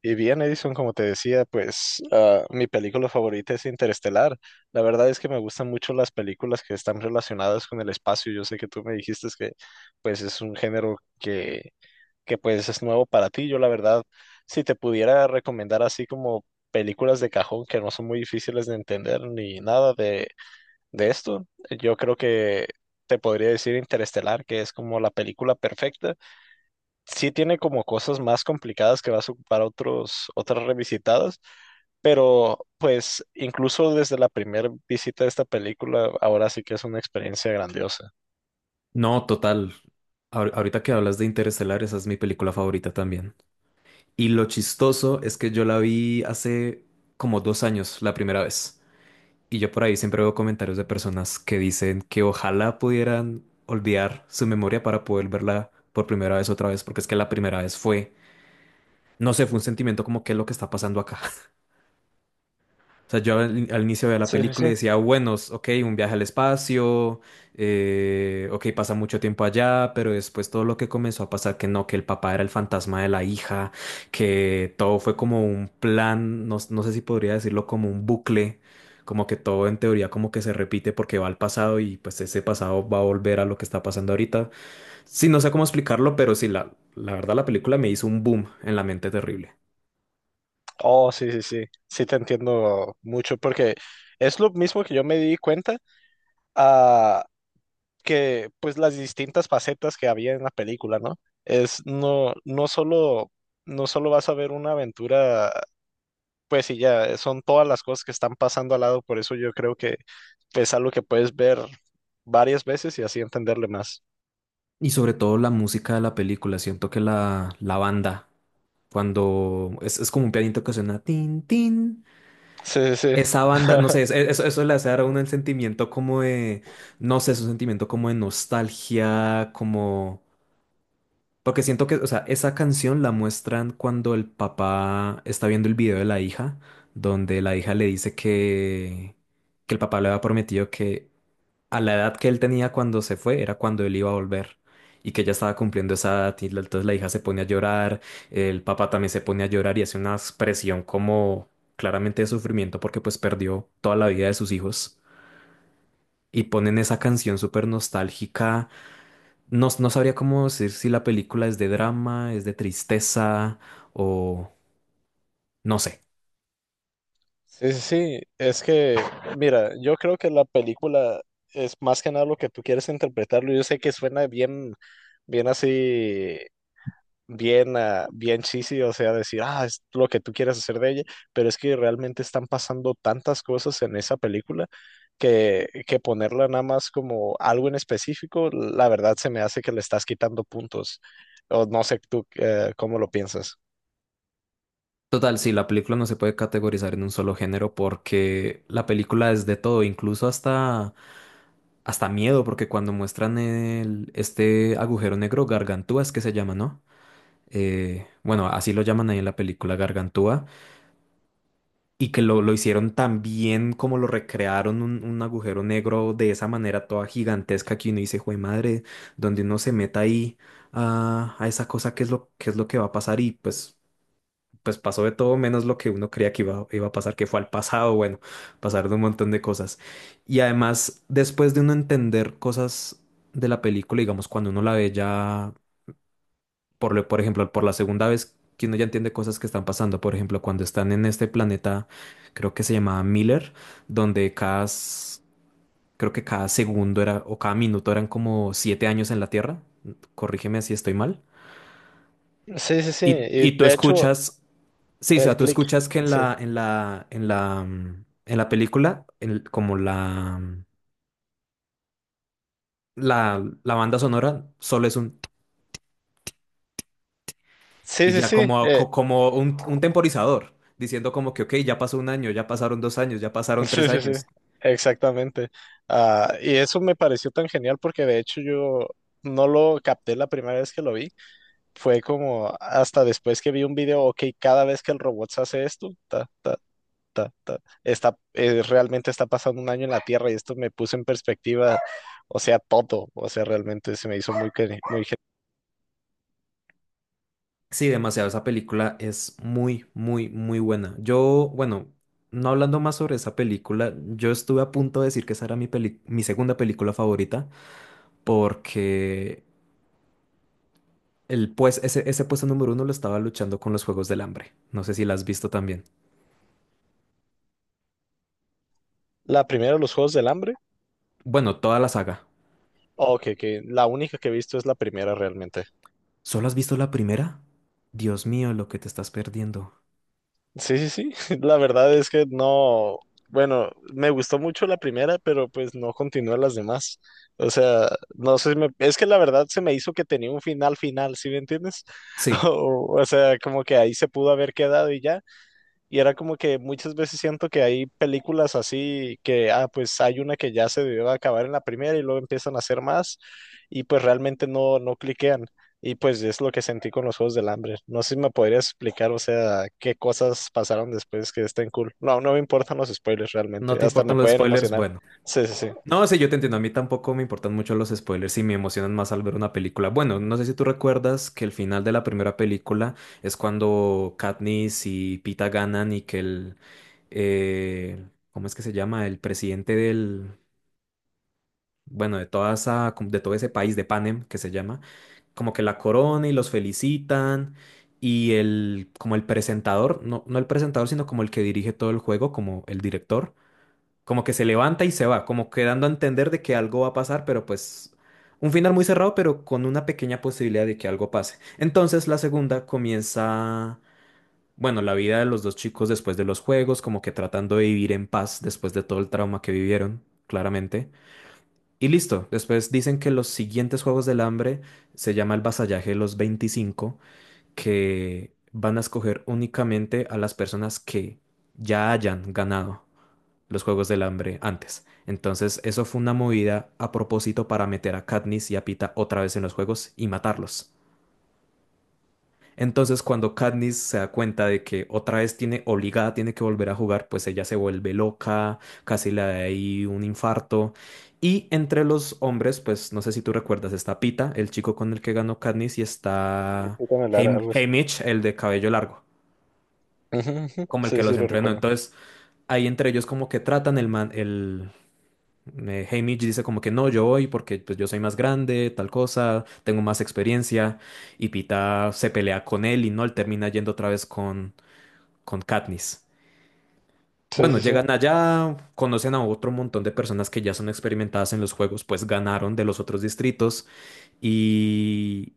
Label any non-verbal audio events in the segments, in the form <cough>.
Y bien, Edison, como te decía, mi película favorita es Interestelar. La verdad es que me gustan mucho las películas que están relacionadas con el espacio. Yo sé que tú me dijiste que pues es un que pues es nuevo para ti. Yo la verdad, si te pudiera recomendar así como películas de cajón que no son muy difíciles de entender ni nada de esto, yo creo que te podría decir Interestelar, que es como la película perfecta. Sí, tiene como cosas más complicadas que vas a ocupar otras revisitadas, pero pues incluso desde la primera visita de esta película, ahora sí que es una experiencia grandiosa. No, total. Ahorita que hablas de Interestelar, esa es mi película favorita también. Y lo chistoso es que yo la vi hace como 2 años, la primera vez. Y yo por ahí siempre veo comentarios de personas que dicen que ojalá pudieran olvidar su memoria para poder verla por primera vez otra vez, porque es que la primera vez fue, no sé, fue un sentimiento como que es lo que está pasando acá. O sea, yo al inicio de la Sí, sí, sí. película decía, bueno, ok, un viaje al espacio, ok, pasa mucho tiempo allá, pero después todo lo que comenzó a pasar, que no, que el papá era el fantasma de la hija, que todo fue como un plan, no, no sé si podría decirlo como un bucle, como que todo en teoría como que se repite porque va al pasado y pues ese pasado va a volver a lo que está pasando ahorita. Sí, no sé cómo explicarlo, pero sí, la verdad la película me hizo un boom en la mente terrible. Oh, sí, sí, sí. Sí, te entiendo mucho porque es lo mismo que yo me di cuenta a que pues las distintas facetas que había en la película, ¿no? Es no solo, no solo vas a ver una aventura. Pues sí, ya son todas las cosas que están pasando al lado, por eso yo creo que es algo que puedes ver varias veces y así entenderle más. Y sobre todo la música de la película, siento que la banda, cuando es como un pianito que suena tin, tin, Sí, sí, sí. esa banda, no sé, <laughs> eso le hace dar a uno el sentimiento como de, no sé, es un sentimiento como de nostalgia, como, porque siento que, o sea, esa canción la muestran cuando el papá está viendo el video de la hija, donde la hija le dice que el papá le había prometido que a la edad que él tenía cuando se fue, era cuando él iba a volver. Y que ella estaba cumpliendo esa edad, y entonces la hija se pone a llorar, el papá también se pone a llorar y hace una expresión como claramente de sufrimiento porque pues perdió toda la vida de sus hijos. Y ponen esa canción súper nostálgica. No, no sabría cómo decir si la película es de drama, es de tristeza o no sé. Sí, sí, sí. Es que, mira, yo creo que la película es más que nada lo que tú quieres interpretarlo. Yo sé que suena bien, bien así, bien cheesy, o sea, decir, ah, es lo que tú quieres hacer de ella, pero es que realmente están pasando tantas cosas en esa que ponerla nada más como algo en específico, la verdad se me hace que le estás quitando puntos. O no sé tú, cómo lo piensas. Total, sí, la película no se puede categorizar en un solo género porque la película es de todo, incluso hasta miedo, porque cuando muestran este agujero negro, Gargantúa es que se llama, ¿no? Bueno, así lo llaman ahí en la película Gargantúa, y que lo hicieron tan bien como lo recrearon un agujero negro de esa manera toda gigantesca que uno dice, jue madre, donde uno se meta ahí a esa cosa, qué es lo que va a pasar, y pues pasó de todo menos lo que uno creía que iba a pasar, que fue al pasado, bueno, pasar de un montón de cosas. Y además, después de uno entender cosas de la película, digamos, cuando uno la ve ya, por ejemplo, por la segunda vez, que uno ya entiende cosas que están pasando, por ejemplo, cuando están en este planeta, creo que se llamaba Miller, donde creo que cada segundo era, o cada minuto eran como 7 años en la Tierra, corrígeme si estoy mal. Sí, sí, sí. Y, Y y tú de hecho, escuchas. Sí, o el sea, tú click. escuchas que Sí, en la película, la banda sonora solo es un, sí, y sí. ya Sí, como, como un temporizador, diciendo como que, ok, ya pasó un año, ya pasaron 2 años, ya pasaron tres sí, sí, sí, años. exactamente. Ah, y eso me pareció tan genial porque de hecho yo no lo capté la primera vez que lo vi, fue como hasta después que vi un video. Ok, cada vez que el robot se hace esto, ta, ta, ta, ta, realmente está pasando un año en la Tierra y esto me puso en perspectiva, o sea, todo, o sea, realmente se me hizo muy... gen- Sí, demasiado, esa película es muy, muy, muy buena. Yo, bueno, no hablando más sobre esa película, yo estuve a punto de decir que esa era mi segunda película favorita, porque El pues, ese puesto número uno lo estaba luchando con los Juegos del Hambre. No sé si la has visto también. La primera, los Juegos del Hambre, Bueno, toda la saga. ok, que la única que he visto es la primera realmente. ¿Solo has visto la primera? Dios mío, lo que te estás perdiendo. Sí, sí, sí. <laughs> La verdad es que no, bueno, me gustó mucho la primera, pero pues no continué las demás. O sea, no sé, si me- es que la verdad se me hizo que tenía un final final, ¿sí me entiendes? <laughs> Sí, O sea, como que ahí se pudo haber quedado y ya. Y era como que muchas veces siento que hay películas así que, ah, pues hay una que ya se debió acabar en la primera y luego empiezan a hacer más y pues realmente no cliquean. Y pues es lo que sentí con los Juegos del Hambre. No sé si me podrías explicar, o sea, qué cosas pasaron después que estén cool. No, no me importan los spoilers no realmente, te hasta importan me los pueden spoilers, emocionar. bueno. Sí, sí, sí. No, sí, yo te entiendo. A mí tampoco me importan mucho los spoilers y me emocionan más al ver una película. Bueno, no sé si tú recuerdas que el final de la primera película es cuando Katniss y Pita ganan y que el, ¿cómo es que se llama? El presidente del, bueno, de toda esa, como de todo ese país de Panem que se llama, como que la corona y los felicitan y el, como el presentador, no, no el presentador, sino como el que dirige todo el juego, como el director, como que se levanta y se va, como que dando a entender de que algo va a pasar, pero pues un final muy cerrado, pero con una pequeña posibilidad de que algo pase. Entonces la segunda comienza. Bueno, la vida de los dos chicos después de los juegos, como que tratando de vivir en paz después de todo el trauma que vivieron, claramente. Y listo, después dicen que los siguientes Juegos del Hambre se llama el Vasallaje de los 25, que van a escoger únicamente a las personas que ya hayan ganado los Juegos del Hambre antes. Entonces, eso fue una movida a propósito para meter a Katniss y a Pita otra vez en los juegos y matarlos. Entonces, cuando Katniss se da cuenta de que otra vez tiene obligada, tiene que volver a jugar, pues ella se vuelve loca, casi le da ahí un infarto. Y entre los hombres, pues no sé si tú recuerdas, está Pita, el chico con el que ganó Katniss, y está Pícame Lara, Haymitch, algo así. Haymitch, el de cabello largo, Ujú, ujú. como el que Sí, los sí, lo entrenó. recuerdo. Entonces, ahí entre ellos como que tratan, el man, el Haymitch dice como que no, yo voy porque pues yo soy más grande, tal cosa, tengo más experiencia. Y Pita se pelea con él y no, él termina yendo otra vez con Katniss. Sí, Bueno, sí, sí. llegan allá, conocen a otro montón de personas que ya son experimentadas en los juegos, pues ganaron de los otros distritos y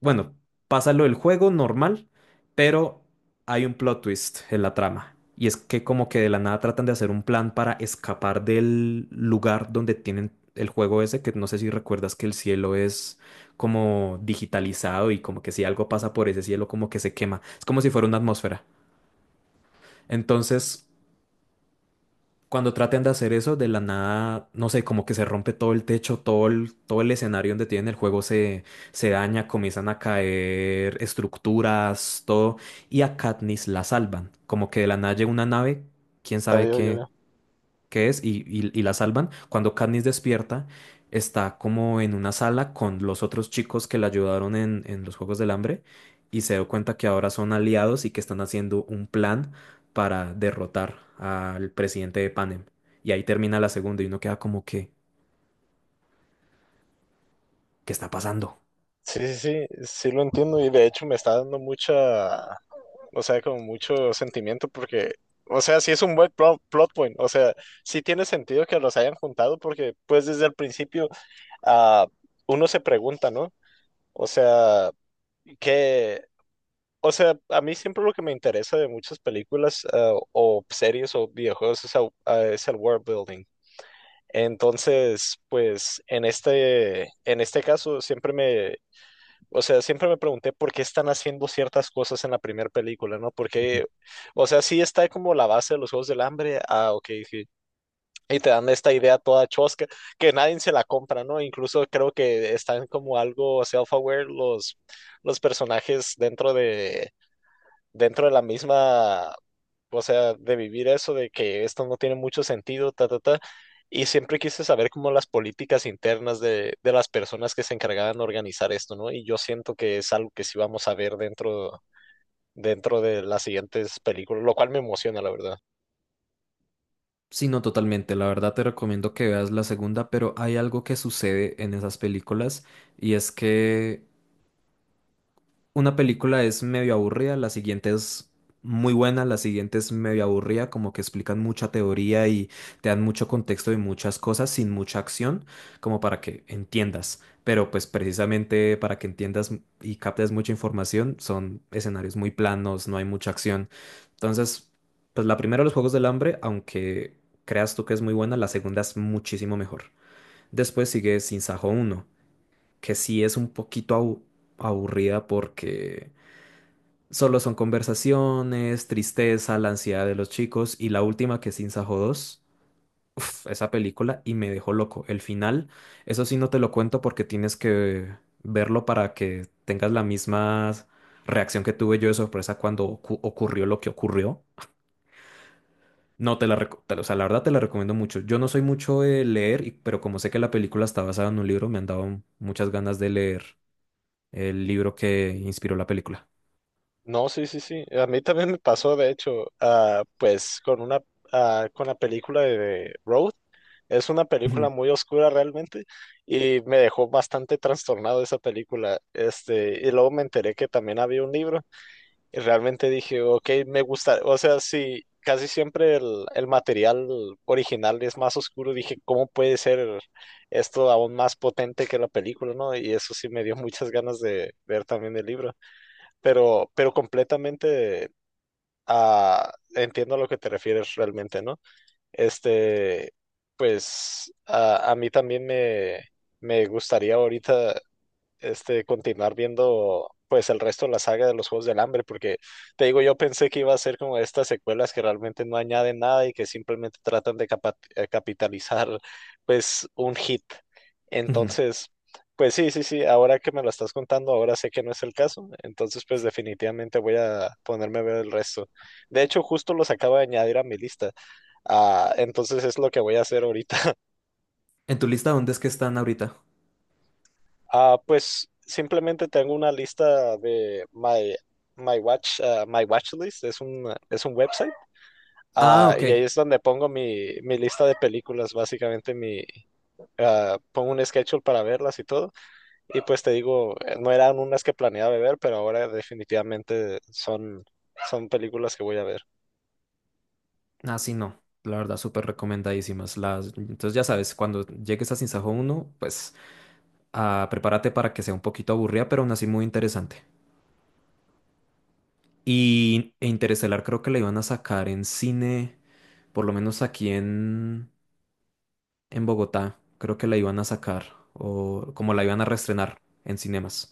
bueno, pasa lo del juego normal, pero hay un plot twist en la trama. Y es que como que de la nada tratan de hacer un plan para escapar del lugar donde tienen el juego ese, que no sé si recuerdas que el cielo es como digitalizado y como que si algo pasa por ese cielo como que se quema. Es como si fuera una atmósfera. Entonces, cuando traten de hacer eso, de la nada, no sé, como que se rompe todo el techo, todo el escenario donde tienen el juego se, se daña, comienzan a caer estructuras, todo, y a Katniss la salvan. Como que de la nada llega una nave, quién Ya sabe veo, ya qué, veo. que es, y la salvan. Cuando Katniss despierta, está como en una sala con los otros chicos que la ayudaron en los Juegos del Hambre, y se dio cuenta que ahora son aliados y que están haciendo un plan para derrotar al presidente de Panem. Y ahí termina la segunda y uno queda como que, ¿qué está pasando? Sí, sí, sí, sí, lo entiendo y de hecho me está dando mucha, o sea, con mucho sentimiento porque, o sea, sí es un buen plot point, o sea, sí tiene sentido que los hayan juntado porque pues desde el principio, ah, uno se pregunta, ¿no? O sea, que, o sea, a mí siempre lo que me interesa de muchas películas, ah, o series o videojuegos es el world building. Entonces, pues en en este caso siempre me, o sea, siempre me pregunté por qué están haciendo ciertas cosas en la primera película, ¿no? Ujú. Porque, o sea, sí está como la base de los Juegos del Hambre, ah, ok, sí. Y te dan esta idea toda chosca, que nadie se la compra, ¿no? Incluso creo que están como algo los personajes dentro de la misma, o sea, de vivir eso de que esto no tiene mucho sentido, ta, ta, ta. Y siempre quise saber como las políticas internas de las personas que se encargaban de organizar esto, ¿no? Y yo siento que es algo que sí vamos a ver dentro de las siguientes películas, lo cual me emociona, la verdad. Sí, no, totalmente. La verdad te recomiendo que veas la segunda, pero hay algo que sucede en esas películas y es que una película es medio aburrida, la siguiente es muy buena, la siguiente es medio aburrida, como que explican mucha teoría y te dan mucho contexto y muchas cosas sin mucha acción, como para que entiendas. Pero pues precisamente para que entiendas y captes mucha información, son escenarios muy planos, no hay mucha acción. Entonces, pues la primera, Los Juegos del Hambre, aunque creas tú que es muy buena, la segunda es muchísimo mejor. Después sigue Sin Sajo 1, que sí es un poquito aburrida, porque solo son conversaciones, tristeza, la ansiedad de los chicos, y la última, que es Sinsajo 2. Uf, esa película y me dejó loco. El final, eso sí no te lo cuento porque tienes que verlo para que tengas la misma reacción que tuve yo de sorpresa cuando ocurrió lo que ocurrió. No, te la, reco- te la- o sea, la verdad te la recomiendo mucho. Yo no soy mucho de leer, pero como sé que la película está basada en un libro, me han dado muchas ganas de leer el libro que inspiró la película. No, sí, sí, sí. A mí también me pasó, de hecho, ah, pues con una, ah, con la película de Road. Es una <laughs> película Ujú, muy oscura realmente y me dejó bastante trastornado esa película. Este, y luego me enteré que también había un libro y realmente dije, ok, me gusta. O sea, sí, casi siempre el material original es más oscuro. Dije, ¿cómo puede ser esto aún más potente que la película, no? Y eso sí me dio muchas ganas de ver también el libro, pero completamente, ah, entiendo a lo que te refieres realmente, ¿no? Este, pues a mí también me gustaría ahorita, este, continuar viendo pues el resto de la saga de los Juegos del Hambre, porque te digo, yo pensé que iba a ser como estas secuelas que realmente no añaden nada y que simplemente tratan de capitalizar pues un hit. ujú. Entonces, pues sí, sí, sí, ahora que me lo estás contando, ahora sé que no es el caso, entonces pues definitivamente voy a ponerme a ver el resto. De hecho, justo los acabo de añadir a mi lista. Ah, entonces es lo que voy a hacer ahorita. ¿En tu lista dónde es que están ahorita? Ah, pues simplemente tengo una lista de my my watch list, es un website, Ah, ah, y ahí ok. es donde pongo mi, mi lista de películas, básicamente mi, ah, pongo un schedule para verlas y todo, y pues te digo, no eran unas que planeaba ver, pero ahora definitivamente son, son películas que voy a ver. Ah, sí, no. La verdad, súper recomendadísimas. Entonces, ya sabes, cuando llegues a Sinsajo 1, pues, prepárate para que sea un poquito aburrida, pero aún así muy interesante. Y Interestelar creo que la iban a sacar en cine, por lo menos aquí en Bogotá. Creo que la iban a sacar, o como la iban a reestrenar en cinemas.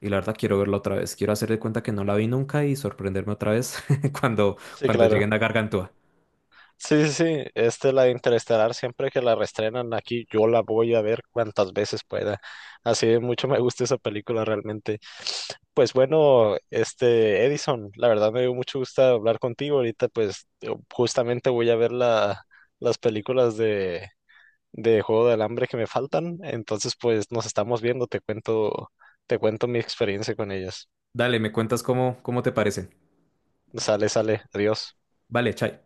Y la verdad, quiero verla otra vez. Quiero hacer de cuenta que no la vi nunca y sorprenderme otra vez <laughs> cuando, Sí, claro. lleguen a Gargantúa. Sí, sí, sí, este, la de Interestelar, siempre que la reestrenan aquí, yo la voy a ver cuantas veces pueda. Así de mucho me gusta esa película realmente. Pues bueno, este, Edison, la verdad me dio mucho gusto hablar contigo. Ahorita pues yo justamente voy a ver las películas de Juego del Hambre que me faltan. Entonces pues nos estamos viendo, te cuento mi experiencia con ellas. Dale, me cuentas cómo, te parece. Sale, sale, adiós. Vale, chai.